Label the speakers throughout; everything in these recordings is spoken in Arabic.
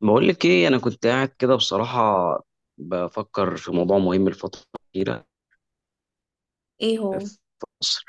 Speaker 1: بقول لك ايه، انا كنت قاعد كده بصراحه بفكر في موضوع مهم الفتره الاخيره.
Speaker 2: ايه هو؟
Speaker 1: في مصر،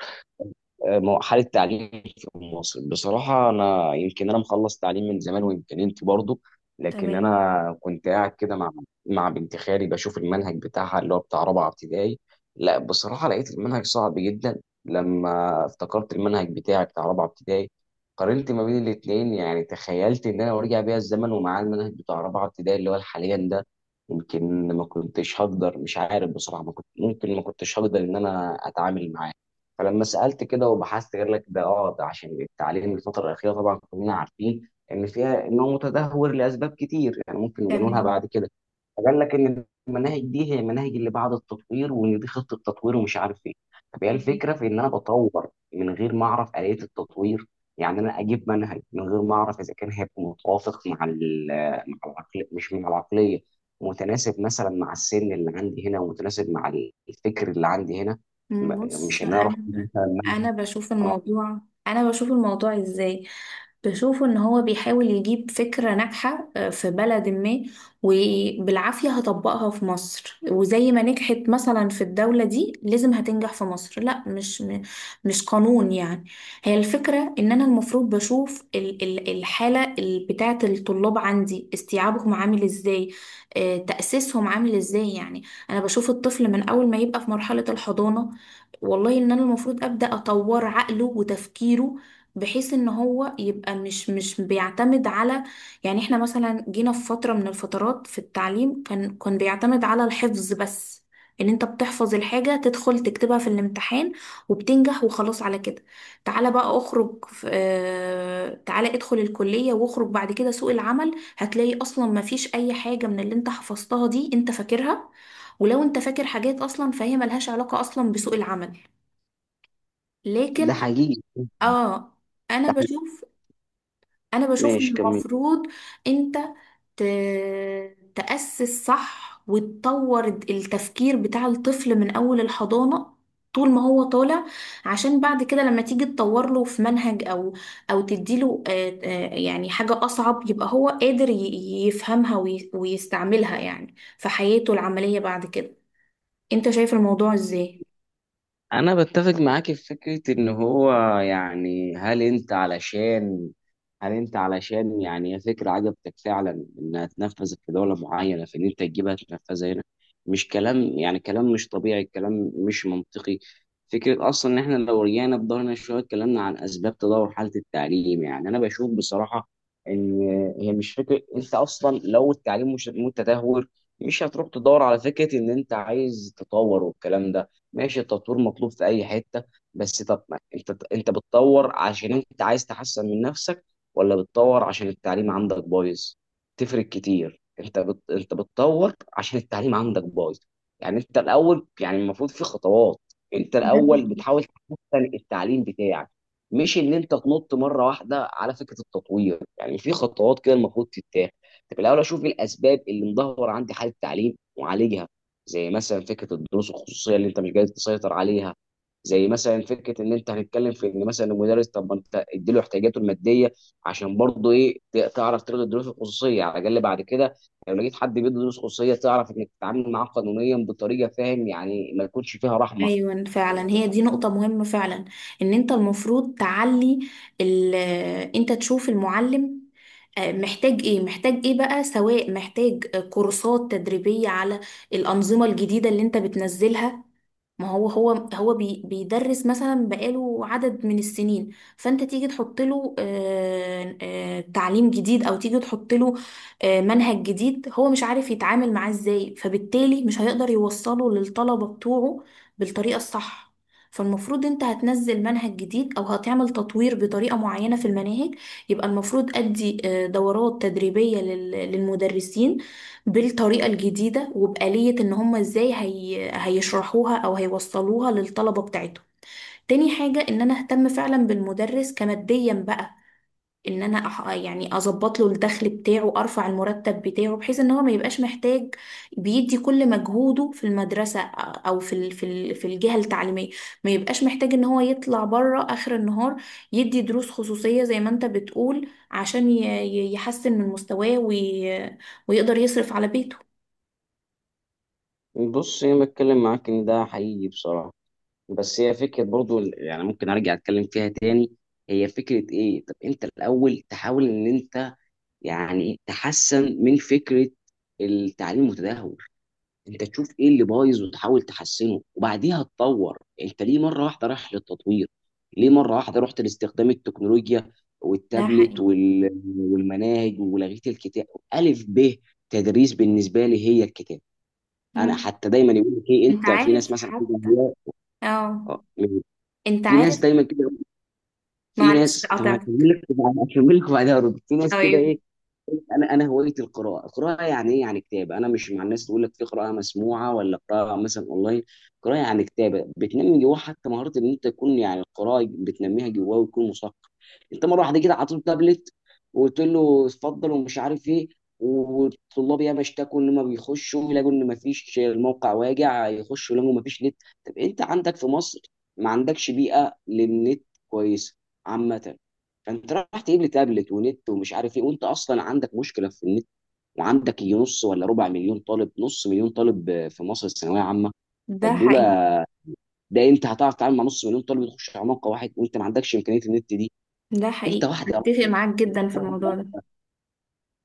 Speaker 1: حالة التعليم في مصر، بصراحة أنا يمكن أنا مخلص تعليم من زمان، ويمكن أنت برضه. لكن
Speaker 2: تمام.
Speaker 1: أنا كنت قاعد كده مع بنت خالي بشوف المنهج بتاعها اللي هو بتاع رابعة ابتدائي. لا بصراحة لقيت المنهج صعب جدا لما افتكرت المنهج بتاعي بتاع رابعة ابتدائي. قارنت ما بين الاتنين. يعني تخيلت إن أنا لو رجع بيا الزمن ومعاه المنهج بتاع رابعة ابتدائي اللي هو حاليا ده، يمكن ما كنتش هقدر، مش عارف بصراحة، ما كنت ممكن ما كنتش هقدر إن أنا أتعامل معاه. فلما سألت كده وبحثت قال لك ده، اه ده عشان التعليم الفترة الأخيرة طبعا كلنا عارفين إن فيها، إن هو متدهور لأسباب كتير يعني ممكن نجنونها
Speaker 2: تمام.
Speaker 1: بعد كده. فقال لك ان المناهج دي هي المناهج اللي بعد التطوير، وان دي خطه تطوير ومش عارف ايه. طب هي
Speaker 2: مم.
Speaker 1: الفكره في ان انا بطور من غير ما اعرف اليه التطوير. يعني انا اجيب منهج من غير ما اعرف اذا كان هيبقى متوافق مع مع العقليه، مش مع العقليه، متناسب مثلا مع السن اللي عندي هنا، ومتناسب مع الفكر اللي عندي هنا. مش
Speaker 2: بص
Speaker 1: ان انا اروح
Speaker 2: انا.
Speaker 1: أجيب مثلاً
Speaker 2: انا بشوف
Speaker 1: آه،
Speaker 2: الموضوع انا بشوف الموضوع ازاي. بشوف ان هو بيحاول يجيب فكرة ناجحة، في بلد ما، وبالعافية هطبقها في مصر، وزي ما نجحت مثلا في الدولة دي لازم هتنجح في مصر. لا، مش قانون يعني. هي الفكرة ان انا المفروض بشوف الحالة بتاعة الطلاب عندي، استيعابهم عامل ازاي، تأسيسهم عامل ازاي. يعني انا بشوف الطفل من اول ما يبقى في مرحلة الحضانة، والله ان انا المفروض ابدا اطور عقله وتفكيره، بحيث ان هو يبقى مش بيعتمد على، يعني احنا مثلا جينا في فتره من الفترات في التعليم كان بيعتمد على الحفظ بس، ان انت بتحفظ الحاجه تدخل تكتبها في الامتحان وبتنجح وخلاص على كده. تعالى بقى اخرج في تعالى ادخل الكليه واخرج بعد كده سوق العمل هتلاقي اصلا ما فيش اي حاجه من اللي انت حفظتها دي انت فاكرها، ولو انت فاكر حاجات اصلا فهي ملهاش علاقه اصلا بسوق العمل.
Speaker 1: ده
Speaker 2: لكن
Speaker 1: حقيقي.
Speaker 2: اه، انا
Speaker 1: ده حقيقي.
Speaker 2: بشوف انا بشوف ان
Speaker 1: ماشي، كمل.
Speaker 2: المفروض انت ت... تأسس صح وتطور التفكير بتاع الطفل من اول الحضانة طول ما هو طالع، عشان بعد كده لما تيجي تطور له في منهج او او تديله، يعني حاجة اصعب، يبقى هو قادر يفهمها ويستعملها يعني في حياته العملية بعد كده. انت شايف الموضوع ازاي؟
Speaker 1: انا بتفق معاك في فكره ان هو، يعني هل انت علشان، يعني هي فكره عجبتك فعلا انها تنفذ في دوله معينه، فان انت تجيبها تنفذها هنا. مش كلام، يعني كلام مش طبيعي، كلام مش منطقي. فكره اصلا ان احنا لو رجعنا بدورنا شويه، اتكلمنا عن اسباب تدهور حاله التعليم. يعني انا بشوف بصراحه ان هي مش فكره. انت اصلا لو التعليم مش متدهور مش هتروح تدور على فكره ان انت عايز تطور والكلام ده. ماشي التطوير مطلوب في اي حته، بس طب ما انت، انت بتطور عشان انت عايز تحسن من نفسك ولا بتطور عشان التعليم عندك بايظ؟ تفرق كتير. انت بتطور عشان التعليم عندك بايظ. يعني انت الاول، يعني المفروض في خطوات. انت
Speaker 2: ده
Speaker 1: الاول
Speaker 2: حقيقي.
Speaker 1: بتحاول تحسن التعليم بتاعك، مش ان انت تنط مره واحده على فكره التطوير. يعني في خطوات كده المفروض تتاخد. طب الاول اشوف إيه الاسباب اللي مدهور عندي حال التعليم واعالجها. زي مثلا فكره الدروس الخصوصيه اللي انت مش قادر تسيطر عليها. زي مثلا فكره ان انت هنتكلم في ان مثلا المدرس، طب ما انت اديله احتياجاته الماديه عشان برضه ايه تعرف تلغي الدروس الخصوصيه على الاقل بعد كده. لو لقيت حد بيدي دروس خصوصيه تعرف انك تتعامل معاه قانونيا بطريقه، فاهم؟ يعني ما يكونش فيها رحمه.
Speaker 2: ايوه
Speaker 1: يعني
Speaker 2: فعلا، هي دي نقطة مهمة فعلا. ان انت المفروض تعلي انت تشوف المعلم محتاج ايه، محتاج ايه بقى، سواء محتاج كورسات تدريبية على الأنظمة الجديدة اللي انت بتنزلها. ما هو هو بيدرس مثلا بقاله عدد من السنين، فانت تيجي تحط له تعليم جديد او تيجي تحط له منهج جديد، هو مش عارف يتعامل معاه ازاي، فبالتالي مش هيقدر يوصله للطلبة بتوعه بالطريقة الصح. فالمفروض انت هتنزل منهج جديد او هتعمل تطوير بطريقة معينة في المناهج، يبقى المفروض ادي دورات تدريبية للمدرسين بالطريقة الجديدة، وبآلية ان هم ازاي هيشرحوها او هيوصلوها للطلبة بتاعتهم. تاني حاجة، ان انا اهتم فعلا بالمدرس كماديا بقى، ان انا يعني اظبط له الدخل بتاعه، ارفع المرتب بتاعه، بحيث ان هو ما يبقاش محتاج، بيدي كل مجهوده في المدرسة او في الجهة التعليمية، ما يبقاش محتاج ان هو يطلع بره اخر النهار يدي دروس خصوصية زي ما انت بتقول، عشان يحسن من مستواه ويقدر يصرف على بيته.
Speaker 1: بص انا بتكلم معاك ان ده حقيقي بصراحه. بس هي فكره برضه يعني ممكن ارجع اتكلم فيها تاني. هي فكره ايه، طب انت الاول تحاول ان انت، يعني تحسن من فكره التعليم المتدهور. انت تشوف ايه اللي بايظ وتحاول تحسنه وبعديها تطور. انت ليه مره واحده رايح للتطوير؟ ليه مره واحده رحت لاستخدام التكنولوجيا
Speaker 2: ده
Speaker 1: والتابلت
Speaker 2: حقيقي.
Speaker 1: والمناهج ولغيت الكتاب؟ الف ب تدريس بالنسبه لي هي الكتاب. انا
Speaker 2: مم.
Speaker 1: حتى دايما يقول لك ايه،
Speaker 2: انت
Speaker 1: انت في
Speaker 2: عارف
Speaker 1: ناس مثلا كده
Speaker 2: حتى. اه.
Speaker 1: آه،
Speaker 2: انت
Speaker 1: في ناس
Speaker 2: عارف.
Speaker 1: دايما كده. في
Speaker 2: معلش
Speaker 1: ناس، طب انا
Speaker 2: قطعت.
Speaker 1: هكمل لك هكمل لك وبعدها ارد. في ناس كده
Speaker 2: طيب.
Speaker 1: ايه، انا هوايتي القراءه. القراءه يعني ايه؟ يعني كتابه. انا مش مع الناس تقول لك في قراءه مسموعه ولا قراءه مثلا اونلاين. قراءه يعني كتابه بتنمي جواه حتى مهاره ان انت تكون، يعني القراءه بتنميها جواه ويكون مثقف. انت مره واحده كده عطيته تابلت وقلت له اتفضل ومش عارف ايه. والطلاب ياما اشتكوا ان ما بيخشوا يلاقوا ان ما فيش الموقع، واجع يخشوا يلاقوا ما فيش نت. طب انت عندك في مصر ما عندكش بيئه للنت كويسه عامه، فانت راح تجيب لي تابلت ونت ومش عارف ايه وانت اصلا عندك مشكله في النت. وعندك يجي نص ولا ربع مليون طالب، نص مليون طالب آه، في مصر الثانويه عامه.
Speaker 2: ده
Speaker 1: طب دول،
Speaker 2: حقيقي.
Speaker 1: ده انت هتعرف تتعامل مع نص مليون طالب يخش على موقع واحد وانت ما عندكش امكانيه النت دي؟
Speaker 2: ده
Speaker 1: انت
Speaker 2: حقيقي،
Speaker 1: واحده،
Speaker 2: اتفق معاك جدا في الموضوع ده.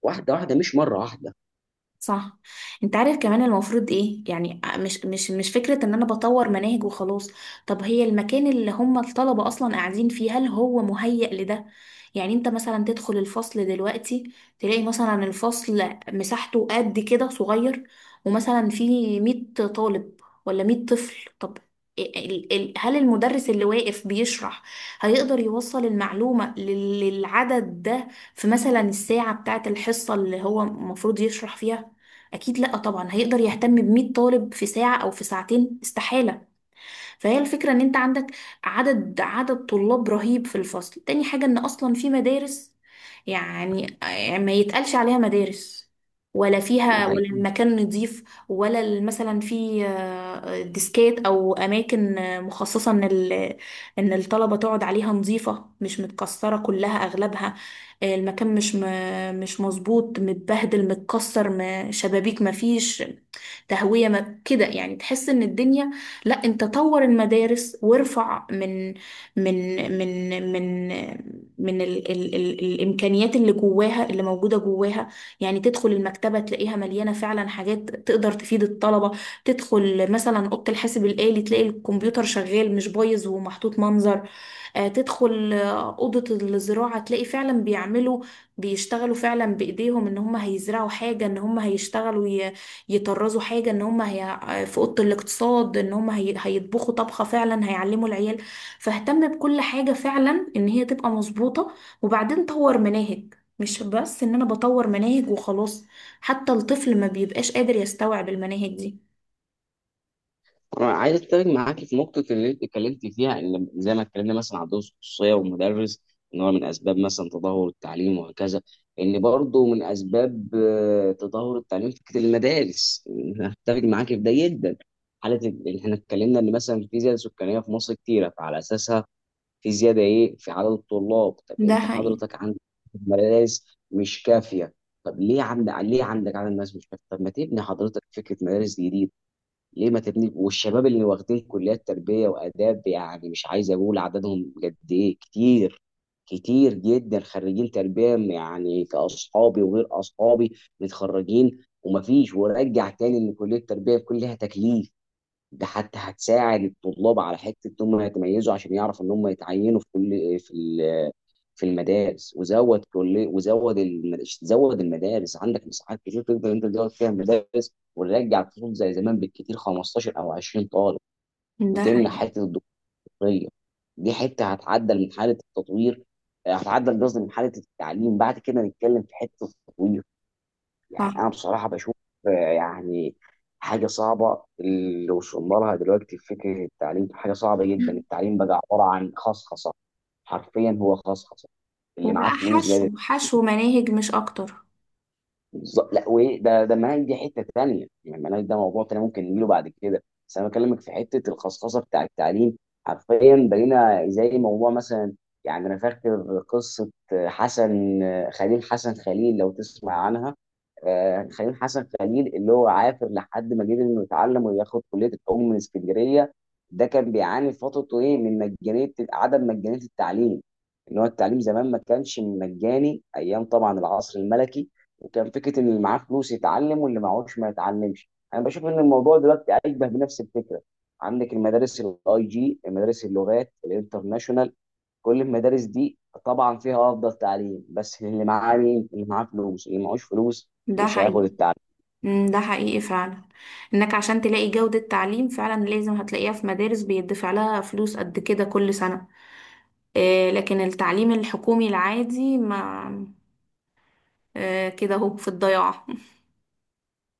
Speaker 1: واحده واحده، مش مره واحده.
Speaker 2: صح. انت عارف كمان المفروض ايه؟ يعني مش فكرة ان انا بطور مناهج وخلاص. طب هي المكان اللي هم الطلبة اصلا قاعدين فيه، هل هو مهيأ لده؟ يعني انت مثلا تدخل الفصل دلوقتي، تلاقي مثلا الفصل مساحته قد كده صغير، ومثلا فيه 100 طالب ولا 100 طفل. طب هل المدرس اللي واقف بيشرح هيقدر يوصل المعلومة للعدد ده في مثلا الساعة بتاعة الحصة اللي هو المفروض يشرح فيها؟ اكيد لا طبعا، هيقدر يهتم ب 100 طالب في ساعة او في ساعتين؟ استحالة. فهي الفكرة ان انت عندك عدد طلاب رهيب في الفصل. تاني حاجة، ان اصلا في مدارس، يعني ما يتقالش عليها مدارس، ولا
Speaker 1: ده
Speaker 2: فيها ولا
Speaker 1: حقيقي.
Speaker 2: المكان نظيف، ولا مثلا في ديسكات او اماكن مخصصه ان ان الطلبه تقعد عليها، نظيفه مش متكسره، كلها اغلبها المكان مش مظبوط، متبهدل، متكسر، شبابيك مفيش تهويه، ما كده يعني تحس ان الدنيا. لا، انت طور المدارس وارفع من من من من من ال ال ال الامكانيات اللي جواها، اللي موجوده جواها. يعني تدخل المكتبه تلاقيها مليانه فعلا حاجات تقدر تفيد الطلبه، تدخل مثلا اوضه الحاسب الالي تلاقي الكمبيوتر شغال مش بايظ ومحطوط منظر، تدخل أوضة الزراعة تلاقي فعلا بيعملوا، بيشتغلوا فعلا بإيديهم، إن هم هيزرعوا حاجة، إن هم هيشتغلوا يطرزوا حاجة، إن هم في أوضة الاقتصاد إن هم هيطبخوا طبخة فعلا، هيعلموا العيال. فاهتم بكل حاجة فعلا إن هي تبقى مظبوطة، وبعدين طور مناهج. مش بس إن أنا بطور مناهج وخلاص، حتى الطفل ما بيبقاش قادر يستوعب المناهج دي.
Speaker 1: أنا عايز أتفق معاكي في نقطة اللي أنت اتكلمت فيها. إن زي ما اتكلمنا مثلا عن دروس خصوصية والمدرس إن هو من أسباب مثلا تدهور التعليم، وهكذا إن برضه من أسباب تدهور التعليم فكرة المدارس. أنا أتفق معاكي في ده جدا. إن إحنا اتكلمنا إن مثلا في زيادة سكانية في مصر كتيرة، فعلى أساسها في زيادة إيه في عدد الطلاب. طب
Speaker 2: ده
Speaker 1: أنت
Speaker 2: حقيقي.
Speaker 1: حضرتك عندك مدارس مش كافية. طب ليه عندك، ليه عندك عدد ناس مش كافية؟ طب ما تبني حضرتك فكرة مدارس جديدة. ليه ما تبني؟ والشباب اللي واخدين كليات تربيه واداب، يعني مش عايز اقول عددهم قد ايه، كتير، كتير جدا خريجين تربيه يعني، كاصحابي وغير اصحابي متخرجين. ومفيش، ورجع تاني ان كليه التربيه بيكون لها تكليف، ده حتى هتساعد الطلاب على حته ان هم يتميزوا عشان يعرفوا ان هم يتعينوا في كل، في في المدارس. وزود كليه وزود زود المدارس. عندك مساحات كتير تقدر انت تزود فيها المدارس. ونرجع الفصول زي زمان بالكتير 15 او 20 طالب،
Speaker 2: ده
Speaker 1: وتمنع
Speaker 2: حقيقي.
Speaker 1: حته الدكتوريه. دي حته هتعدل من حاله التطوير، آه، هتعدل قصدي من حاله التعليم. بعد كده نتكلم في حته التطوير.
Speaker 2: صح.
Speaker 1: يعني انا بصراحه بشوف آه، يعني حاجه صعبه اللي وصلنا لها دلوقتي في فكره التعليم، حاجه صعبه جدا.
Speaker 2: مم.
Speaker 1: التعليم بقى عباره عن خصخصه، حرفيا هو خصخصه. اللي
Speaker 2: وبقى
Speaker 1: معاه فلوس قادر.
Speaker 2: حشو، حشو مناهج مش أكتر.
Speaker 1: بالظبط، لا وايه ده، ده المناهج دي حته تانيه، يعني المناهج ده موضوع تاني ممكن نجيله بعد كده، بس انا بكلمك في حته الخصخصه بتاع التعليم. حرفيا بقينا زي موضوع مثلا، يعني انا فاكر قصه حسن خليل. حسن خليل لو تسمع عنها، آه، خليل حسن خليل اللي هو عافر لحد ما قدر انه يتعلم وياخد كليه العلوم من اسكندريه. ده كان بيعاني في فترته ايه من مجانيه، عدم مجانيه التعليم. ان هو التعليم زمان ما كانش مجاني ايام طبعا العصر الملكي. وكان فكره ان اللي معاه فلوس يتعلم واللي معهوش ما يتعلمش. انا بشوف ان الموضوع دلوقتي اشبه بنفس الفكره. عندك المدارس الاي جي، مدارس اللغات الانترناشونال، كل المدارس دي طبعا فيها افضل تعليم، بس اللي معاه مين؟ اللي معاه فلوس. اللي معهوش فلوس
Speaker 2: ده
Speaker 1: مش هياخد
Speaker 2: حقيقي.
Speaker 1: التعليم.
Speaker 2: مم، ده حقيقي فعلا، انك عشان تلاقي جودة تعليم فعلا لازم هتلاقيها في مدارس بيدفع لها فلوس قد كده كل سنة. آه، لكن التعليم الحكومي العادي ما، آه كده اهو في الضياع.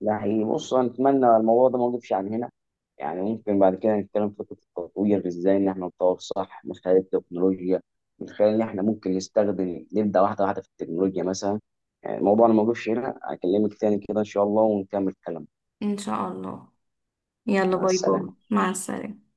Speaker 1: ده حقيقي. بص نتمنى الموضوع ده ما وقفش عن هنا. يعني ممكن بعد كده نتكلم في فكرة التطوير ازاي ان احنا نطور صح، من خلال التكنولوجيا، من خلال ان احنا ممكن نستخدم، نبدأ واحدة واحدة في التكنولوجيا مثلا. يعني الموضوع أنا ما وقفش هنا، اكلمك تاني كده ان شاء الله ونكمل كلام.
Speaker 2: ان شاء الله. يلا،
Speaker 1: مع
Speaker 2: باي
Speaker 1: السلامة.
Speaker 2: باي. مع السلامة.